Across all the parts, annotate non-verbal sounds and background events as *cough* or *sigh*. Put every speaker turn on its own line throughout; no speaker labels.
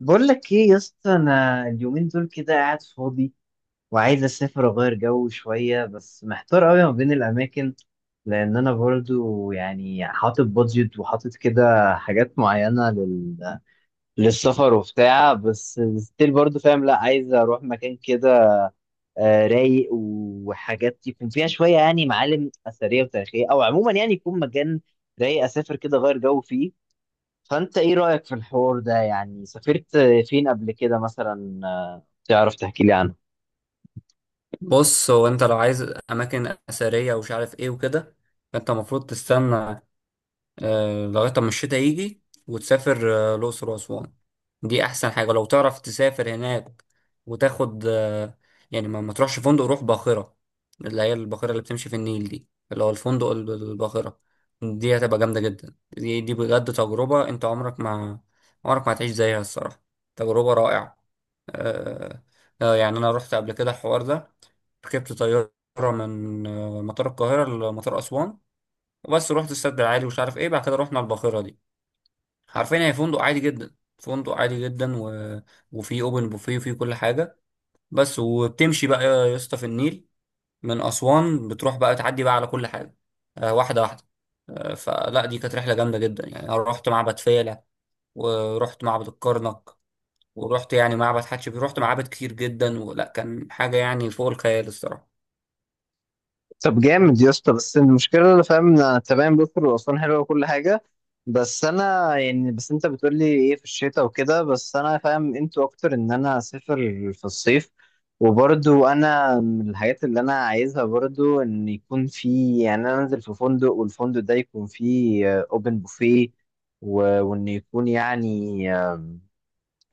بقول لك ايه يا اسطى؟ انا اليومين دول كده قاعد فاضي وعايز اسافر اغير جو شويه، بس محتار قوي ما بين الاماكن. لان انا برضو يعني حاطط بادجت وحاطط كده حاجات معينه للسفر وبتاع، بس ستيل برضو فاهم. لا، عايز اروح مكان كده رايق وحاجات يكون فيها شويه، يعني معالم اثريه وتاريخيه، او عموما يعني يكون مكان رايق اسافر كده اغير جو فيه. فانت ايه رايك في الحوار ده؟ يعني سافرت فين قبل كده مثلا؟ تعرف تحكي لي عنه؟
بص، هو انت لو عايز اماكن اثريه ومش عارف ايه وكده انت المفروض تستنى لغايه ما الشتاء يجي وتسافر الاقصر واسوان. دي احسن حاجه لو تعرف تسافر هناك وتاخد. يعني ما تروحش فندق، روح باخره. اللي هي الباخره اللي بتمشي في النيل دي، اللي هو الفندق الباخره دي هتبقى جامده جدا. دي بجد تجربه انت عمرك ما هتعيش زيها الصراحه، تجربه رائعه. آه يعني أنا رحت قبل كده الحوار ده، ركبت طيارة من مطار القاهرة لمطار أسوان وبس. رحت السد العالي ومش عارف إيه، بعد كده رحنا الباخرة دي. عارفين، هي فندق عادي جدا، فندق عادي جدا وفيه أوبن بوفيه وفيه كل حاجة. بس وبتمشي بقى يا اسطى في النيل، من أسوان بتروح بقى تعدي بقى على كل حاجة واحدة واحدة. فلا دي كانت رحلة جامدة جدا، يعني أنا رحت معبد فيلة، ورحت معبد الكرنك، ورحت يعني معبد حتشبسوت، رحت معابد كتير جدا، ولا كان حاجة يعني فوق الخيال الصراحة.
طب جامد يا اسطى، بس المشكله اللي فاهم إن انا تمام، بكر واسوان حلوه وكل حاجه، بس انا يعني بس انت بتقول لي ايه في الشتاء وكده، بس انا فاهم انتوا اكتر ان انا اسافر في الصيف. وبرضو انا من الحاجات اللي انا عايزها برضو ان يكون في، يعني انا انزل في فندق والفندق ده يكون فيه اوبن بوفيه، وان يكون يعني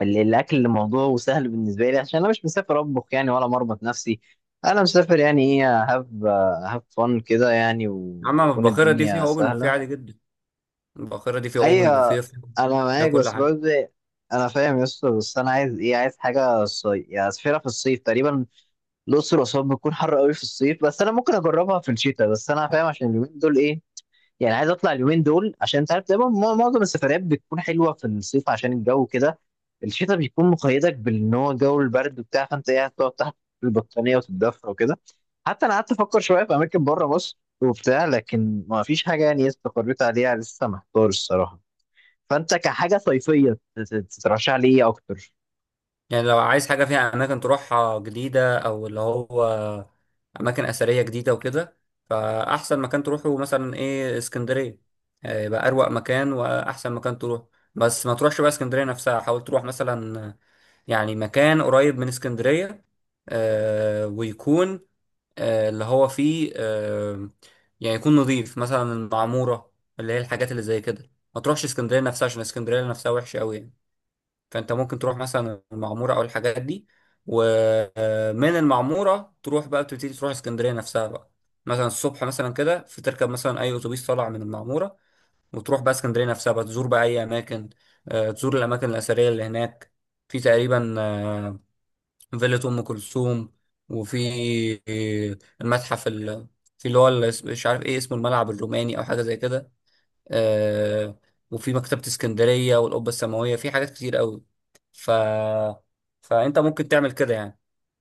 الاكل موضوع سهل بالنسبه لي، عشان انا مش مسافر اطبخ يعني ولا مربط نفسي. انا مسافر يعني ايه، هاف فن كده يعني،
أما
ويكون
الباخرة دي فيها
الدنيا
أوبن بوفيه
سهله.
عادي جدا، الباخرة دي فيها أوبن
ايوه،
بوفيه، فيها
انا
فيها
معاك
كل
بس
حاجة.
برضه. انا فاهم يا اسطى، بس انا عايز ايه، عايز حاجه صيف يعني، اسافرها في الصيف تقريبا. الاقصر واسوان بتكون حر قوي في الصيف، بس انا ممكن اجربها في الشتاء، بس انا فاهم عشان اليومين دول ايه، يعني عايز اطلع اليومين دول، عشان انت عارف دايما معظم السفريات بتكون حلوه في الصيف، عشان الجو كده. الشتاء بيكون مقيدك بان هو الجو البرد وبتاع، فانت قاعد تقعد تحت البطانيه وتتدفى وكده. حتى انا قعدت افكر شويه في اماكن بره مصر وبتاع، لكن ما فيش حاجه يعني استقريت عليها، لسه محتار الصراحه. فانت كحاجه صيفيه، تترشح لي ايه اكتر؟
يعني لو عايز حاجة فيها أماكن تروحها جديدة، أو اللي هو أماكن أثرية جديدة وكده، فأحسن مكان تروحه مثلا إيه اسكندرية. يبقى أروق مكان وأحسن مكان تروح. بس ما تروحش بقى اسكندرية نفسها، حاول تروح مثلا يعني مكان قريب من اسكندرية، ويكون اللي هو فيه يعني يكون نظيف، مثلا المعمورة، اللي هي الحاجات اللي زي كده. ما تروحش اسكندرية نفسها عشان اسكندرية نفسها وحشة قوي يعني. فانت ممكن تروح مثلا المعمورة او الحاجات دي، ومن المعمورة تروح بقى تبتدي تروح اسكندرية نفسها بقى. مثلا الصبح مثلا كده، في تركب مثلا اي اتوبيس طالع من المعمورة، وتروح بقى اسكندرية نفسها بقى، تزور بقى اي اماكن، تزور الاماكن الاثرية اللي هناك. في تقريبا فيلة أم كلثوم، وفي المتحف في اللي هو مش عارف ايه اسمه، الملعب الروماني أو حاجة زي كده. آه وفي مكتبة اسكندرية والقبة السماوية، في حاجات كتير قوي ف... فأنت ممكن تعمل كده يعني.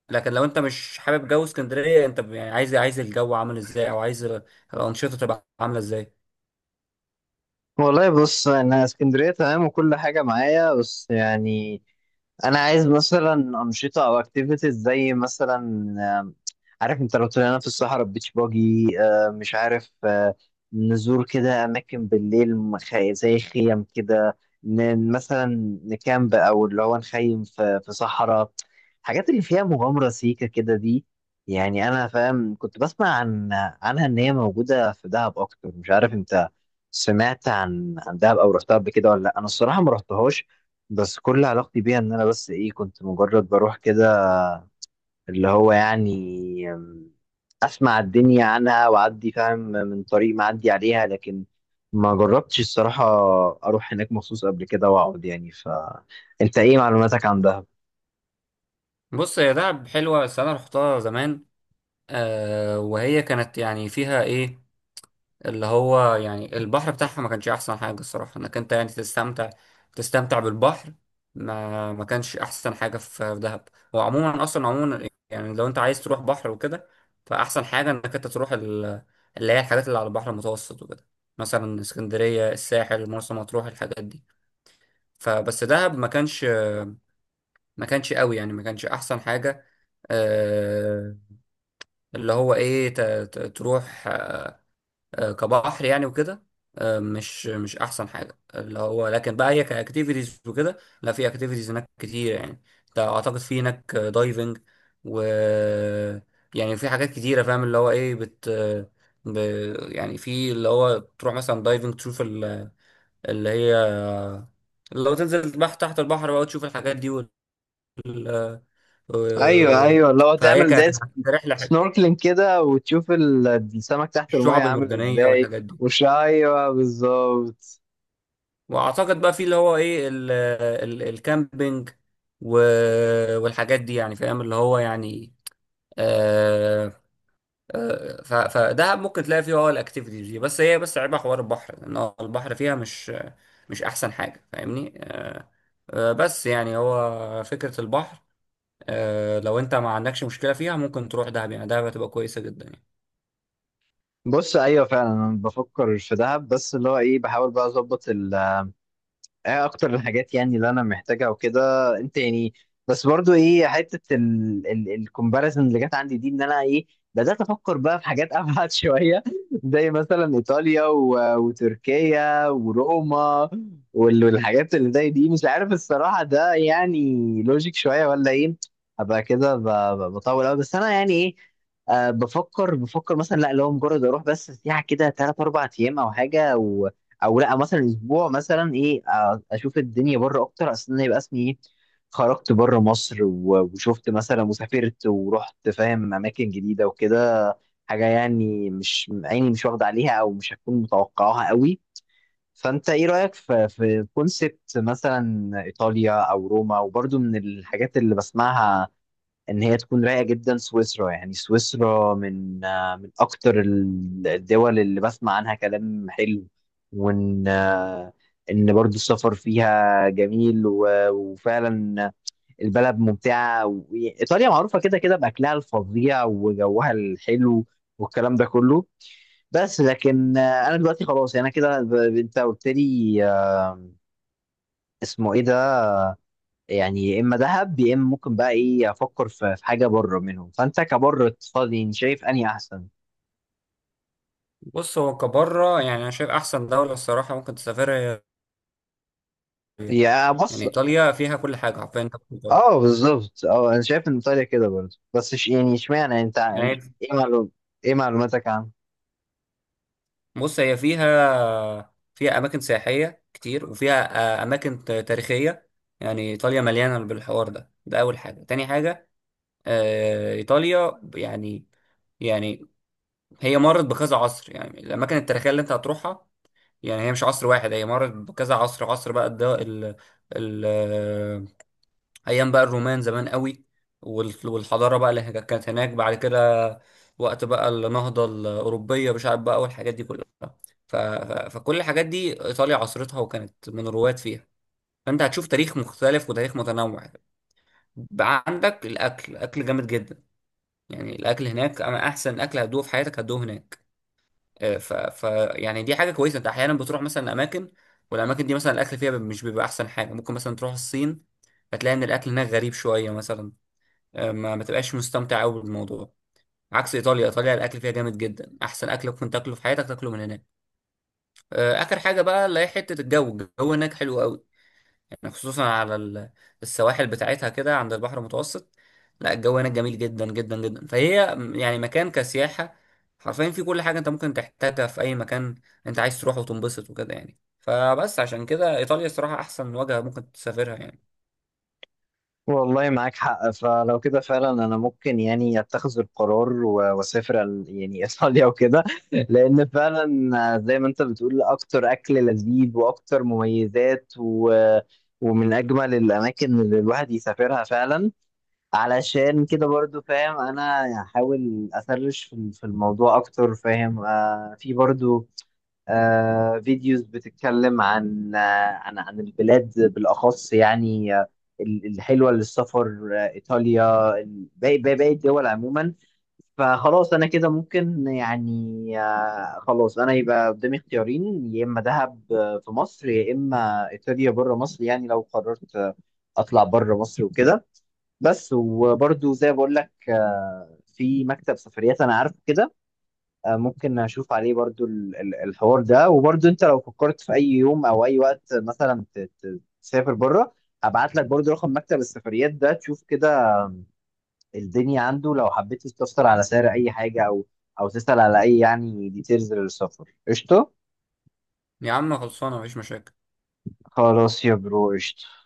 لكن لو انت مش حابب جو اسكندرية، انت يعني عايز الجو عامل ازاي، او عايز الأنشطة تبقى عاملة ازاي؟
والله بص، انا اسكندريه تمام وكل حاجه معايا، بس يعني انا عايز مثلا انشطه او اكتيفيتيز، زي مثلا آم، عارف، انت لو طلعنا في الصحراء بيتش باجي، مش عارف، نزور كده اماكن بالليل زي خيم كده، مثلا نكامب، او اللي هو نخيم في صحراء، الحاجات اللي فيها مغامره سيكه كده دي. يعني انا فاهم كنت بسمع عنها ان هي موجوده في دهب اكتر، مش عارف انت سمعت عن دهب او رحتها قبل كده ولا لا، انا الصراحه ما رحتهاش. بس كل علاقتي بيها ان انا بس ايه، كنت مجرد بروح كده اللي هو يعني اسمع الدنيا عنها واعدي فاهم من طريق معدي عليها، لكن ما جربتش الصراحه اروح هناك مخصوص قبل كده واقعد يعني. فانت ايه معلوماتك عن دهب؟
بص، هي دهب حلوة بس انا رحتها زمان. وهي كانت يعني فيها ايه، اللي هو يعني البحر بتاعها ما كانش احسن حاجة الصراحة، انك انت يعني تستمتع بالبحر. ما كانش احسن حاجة في دهب. وعموما اصلا عموما، يعني لو انت عايز تروح بحر وكده، فاحسن حاجة انك انت تروح اللي هي الحاجات اللي على البحر المتوسط وكده، مثلا اسكندرية، الساحل، مرسى مطروح، الحاجات دي. فبس دهب ما كانش قوي يعني، ما كانش احسن حاجة. آه، اللي هو ايه، تروح كبحر يعني وكده، مش احسن حاجه اللي هو. لكن بقى هي كاكتيفيتيز وكده، لا، في اكتيفيتيز هناك كتير يعني. انت اعتقد في هناك دايفنج، و يعني في حاجات كتيره، فاهم اللي هو ايه ب... يعني في اللي هو تروح مثلا دايفنج، تشوف اللي هي، اللي هو تنزل تحت البحر بقى وتشوف الحاجات دي
ايوه،
وال-
ايوه، اللي هو
فهي
تعمل زي
كرحله.
سنوركلينج كده، وتشوف السمك تحت الميه
الشعب
عامل
المرجانيه
ازاي.
والحاجات دي.
وش، ايوه بالظبط.
واعتقد بقى في اللي هو ايه ال ال الكامبينج والحاجات دي يعني، فاهم اللي هو يعني. آه فده ممكن تلاقي فيه الاكتيفيتيز دي، بس هي بس عيبها حوار البحر، لان هو البحر فيها مش احسن حاجه، فاهمني؟ بس يعني هو فكره البحر. لو انت ما عندكش مشكله فيها ممكن تروح دهب، يعني دهب هتبقى كويسه جدا يعني.
بص، ايوه فعلا انا بفكر في دهب، بس اللي هو ايه، بحاول بقى اظبط ايه اكتر الحاجات يعني اللي انا محتاجها وكده. انت يعني بس برضو ايه حته الكومباريزن اللي جت عندي دي، ان انا ايه بدات افكر بقى في حاجات ابعد *laughs* شويه، زي مثلا ايطاليا وتركيا وروما والحاجات اللي زي دي، مش عارف الصراحه ده يعني لوجيك شويه ولا ايه؟ ابقى كده بطول قوي، بس انا يعني ايه بفكر مثلا، لا لو مجرد اروح بس سياحه كده 3 4 ايام او حاجه. او لا، مثلا اسبوع مثلا ايه اشوف الدنيا بره اكتر، اصل انا يبقى اسمي ايه، خرجت بره مصر وشفت مثلا وسافرت ورحت فاهم اماكن جديده وكده، حاجه يعني مش عيني مش واخده عليها او مش هتكون متوقعاها قوي. فانت ايه رايك في كونسبت مثلا ايطاليا او روما، وبرضو من الحاجات اللي بسمعها ان هي تكون رايقه جدا سويسرا، يعني سويسرا من من اكتر الدول اللي بسمع عنها كلام حلو. وان آه، ان برضو السفر فيها جميل وفعلا البلد ممتعه، ايطاليا معروفه كده كده باكلها الفظيع وجوها الحلو والكلام ده كله. بس لكن انا دلوقتي خلاص يعني انا كده انت قلت لي اسمه ايه ده، يعني يا اما دهب يا اما ممكن بقى ايه افكر في حاجه بره منهم، فانت كبره اقتصادي يعني شايف اني احسن؟
بص، هو كبره يعني انا شايف احسن دوله الصراحه ممكن تسافرها هي إيطاليا.
يا
يعني
بص،
ايطاليا فيها كل حاجه حرفيا
اه بالظبط، اه انا شايف ان ايطاليا كده برضه، بس يعني اشمعنى انت
يعني.
ايه معلوم ايه معلوماتك عنه؟
بص، هي فيها أماكن سياحية كتير، وفيها أماكن تاريخية. يعني إيطاليا مليانة بالحوار ده، ده أول حاجة. تاني حاجة إيطاليا يعني، يعني هي مرت بكذا عصر، يعني الأماكن التاريخية اللي أنت هتروحها يعني هي مش عصر واحد، هي مرت بكذا عصر. عصر بقى الد- ال ال ايام بقى الرومان زمان قوي، والحضاره بقى اللي كانت هناك بعد كده، وقت بقى النهضه الاوروبيه مش عارف بقى، والحاجات دي كلها. فكل الحاجات دي ايطاليا عصرتها، وكانت من الرواد فيها. فانت هتشوف تاريخ مختلف وتاريخ متنوع. بقى عندك الاكل، الاكل جامد جدا. يعني الاكل هناك انا احسن اكل هتدوقه في حياتك هتدوقه هناك. آه، ف... ف يعني دي حاجه كويسه، انت احيانا بتروح مثلا اماكن، والاماكن دي مثلا الاكل فيها مش بيبقى احسن حاجه. ممكن مثلا تروح الصين، هتلاقي ان الاكل هناك غريب شويه مثلا، ما تبقاش مستمتع قوي بالموضوع. عكس ايطاليا، ايطاليا الاكل فيها جامد جدا، احسن اكل ممكن تاكله في حياتك تاكله من هناك. اخر حاجه بقى اللي هي حته الجو، الجو هناك حلو قوي، يعني خصوصا على السواحل بتاعتها كده عند البحر المتوسط. لا، الجو هناك جميل جدا جدا جدا، فهي يعني مكان كسياحه حرفيا، في كل حاجه انت ممكن تحتاجها في اي مكان انت عايز تروح وتنبسط وكده يعني. فبس عشان كده ايطاليا الصراحه احسن وجهه ممكن تسافرها يعني.
والله معاك حق، فلو كده فعلا انا ممكن يعني اتخذ القرار واسافر يعني *laughs* ايطاليا وكده، لان فعلا زي ما انت بتقول اكتر اكل لذيذ واكتر مميزات ومن اجمل الاماكن اللي الواحد يسافرها فعلا. علشان كده برضو فاهم انا هحاول اسرش في الموضوع اكتر، فاهم في برضو فيديوز بتتكلم عن البلاد بالاخص، يعني الحلوه للسفر ايطاليا، باقي الدول عموما. فخلاص انا كده ممكن يعني خلاص انا يبقى قدامي اختيارين، يا اما دهب في مصر، يا اما ايطاليا بره مصر، يعني لو قررت اطلع بره مصر وكده. بس وبرضو زي ما بقول لك في مكتب سفريات انا عارفه كده، ممكن اشوف عليه برضو الحوار ده، وبرضو انت لو فكرت في اي يوم او اي وقت مثلا تسافر بره، هبعت لك برضو رقم مكتب السفريات ده، تشوف كده الدنيا عنده لو حبيت تستفسر على سعر اي حاجه او تسأل على اي يعني ديتيلز للسفر، قشطه.
يا عم، خلصانه، مفيش مشاكل.
خلاص يا برو، قشطه.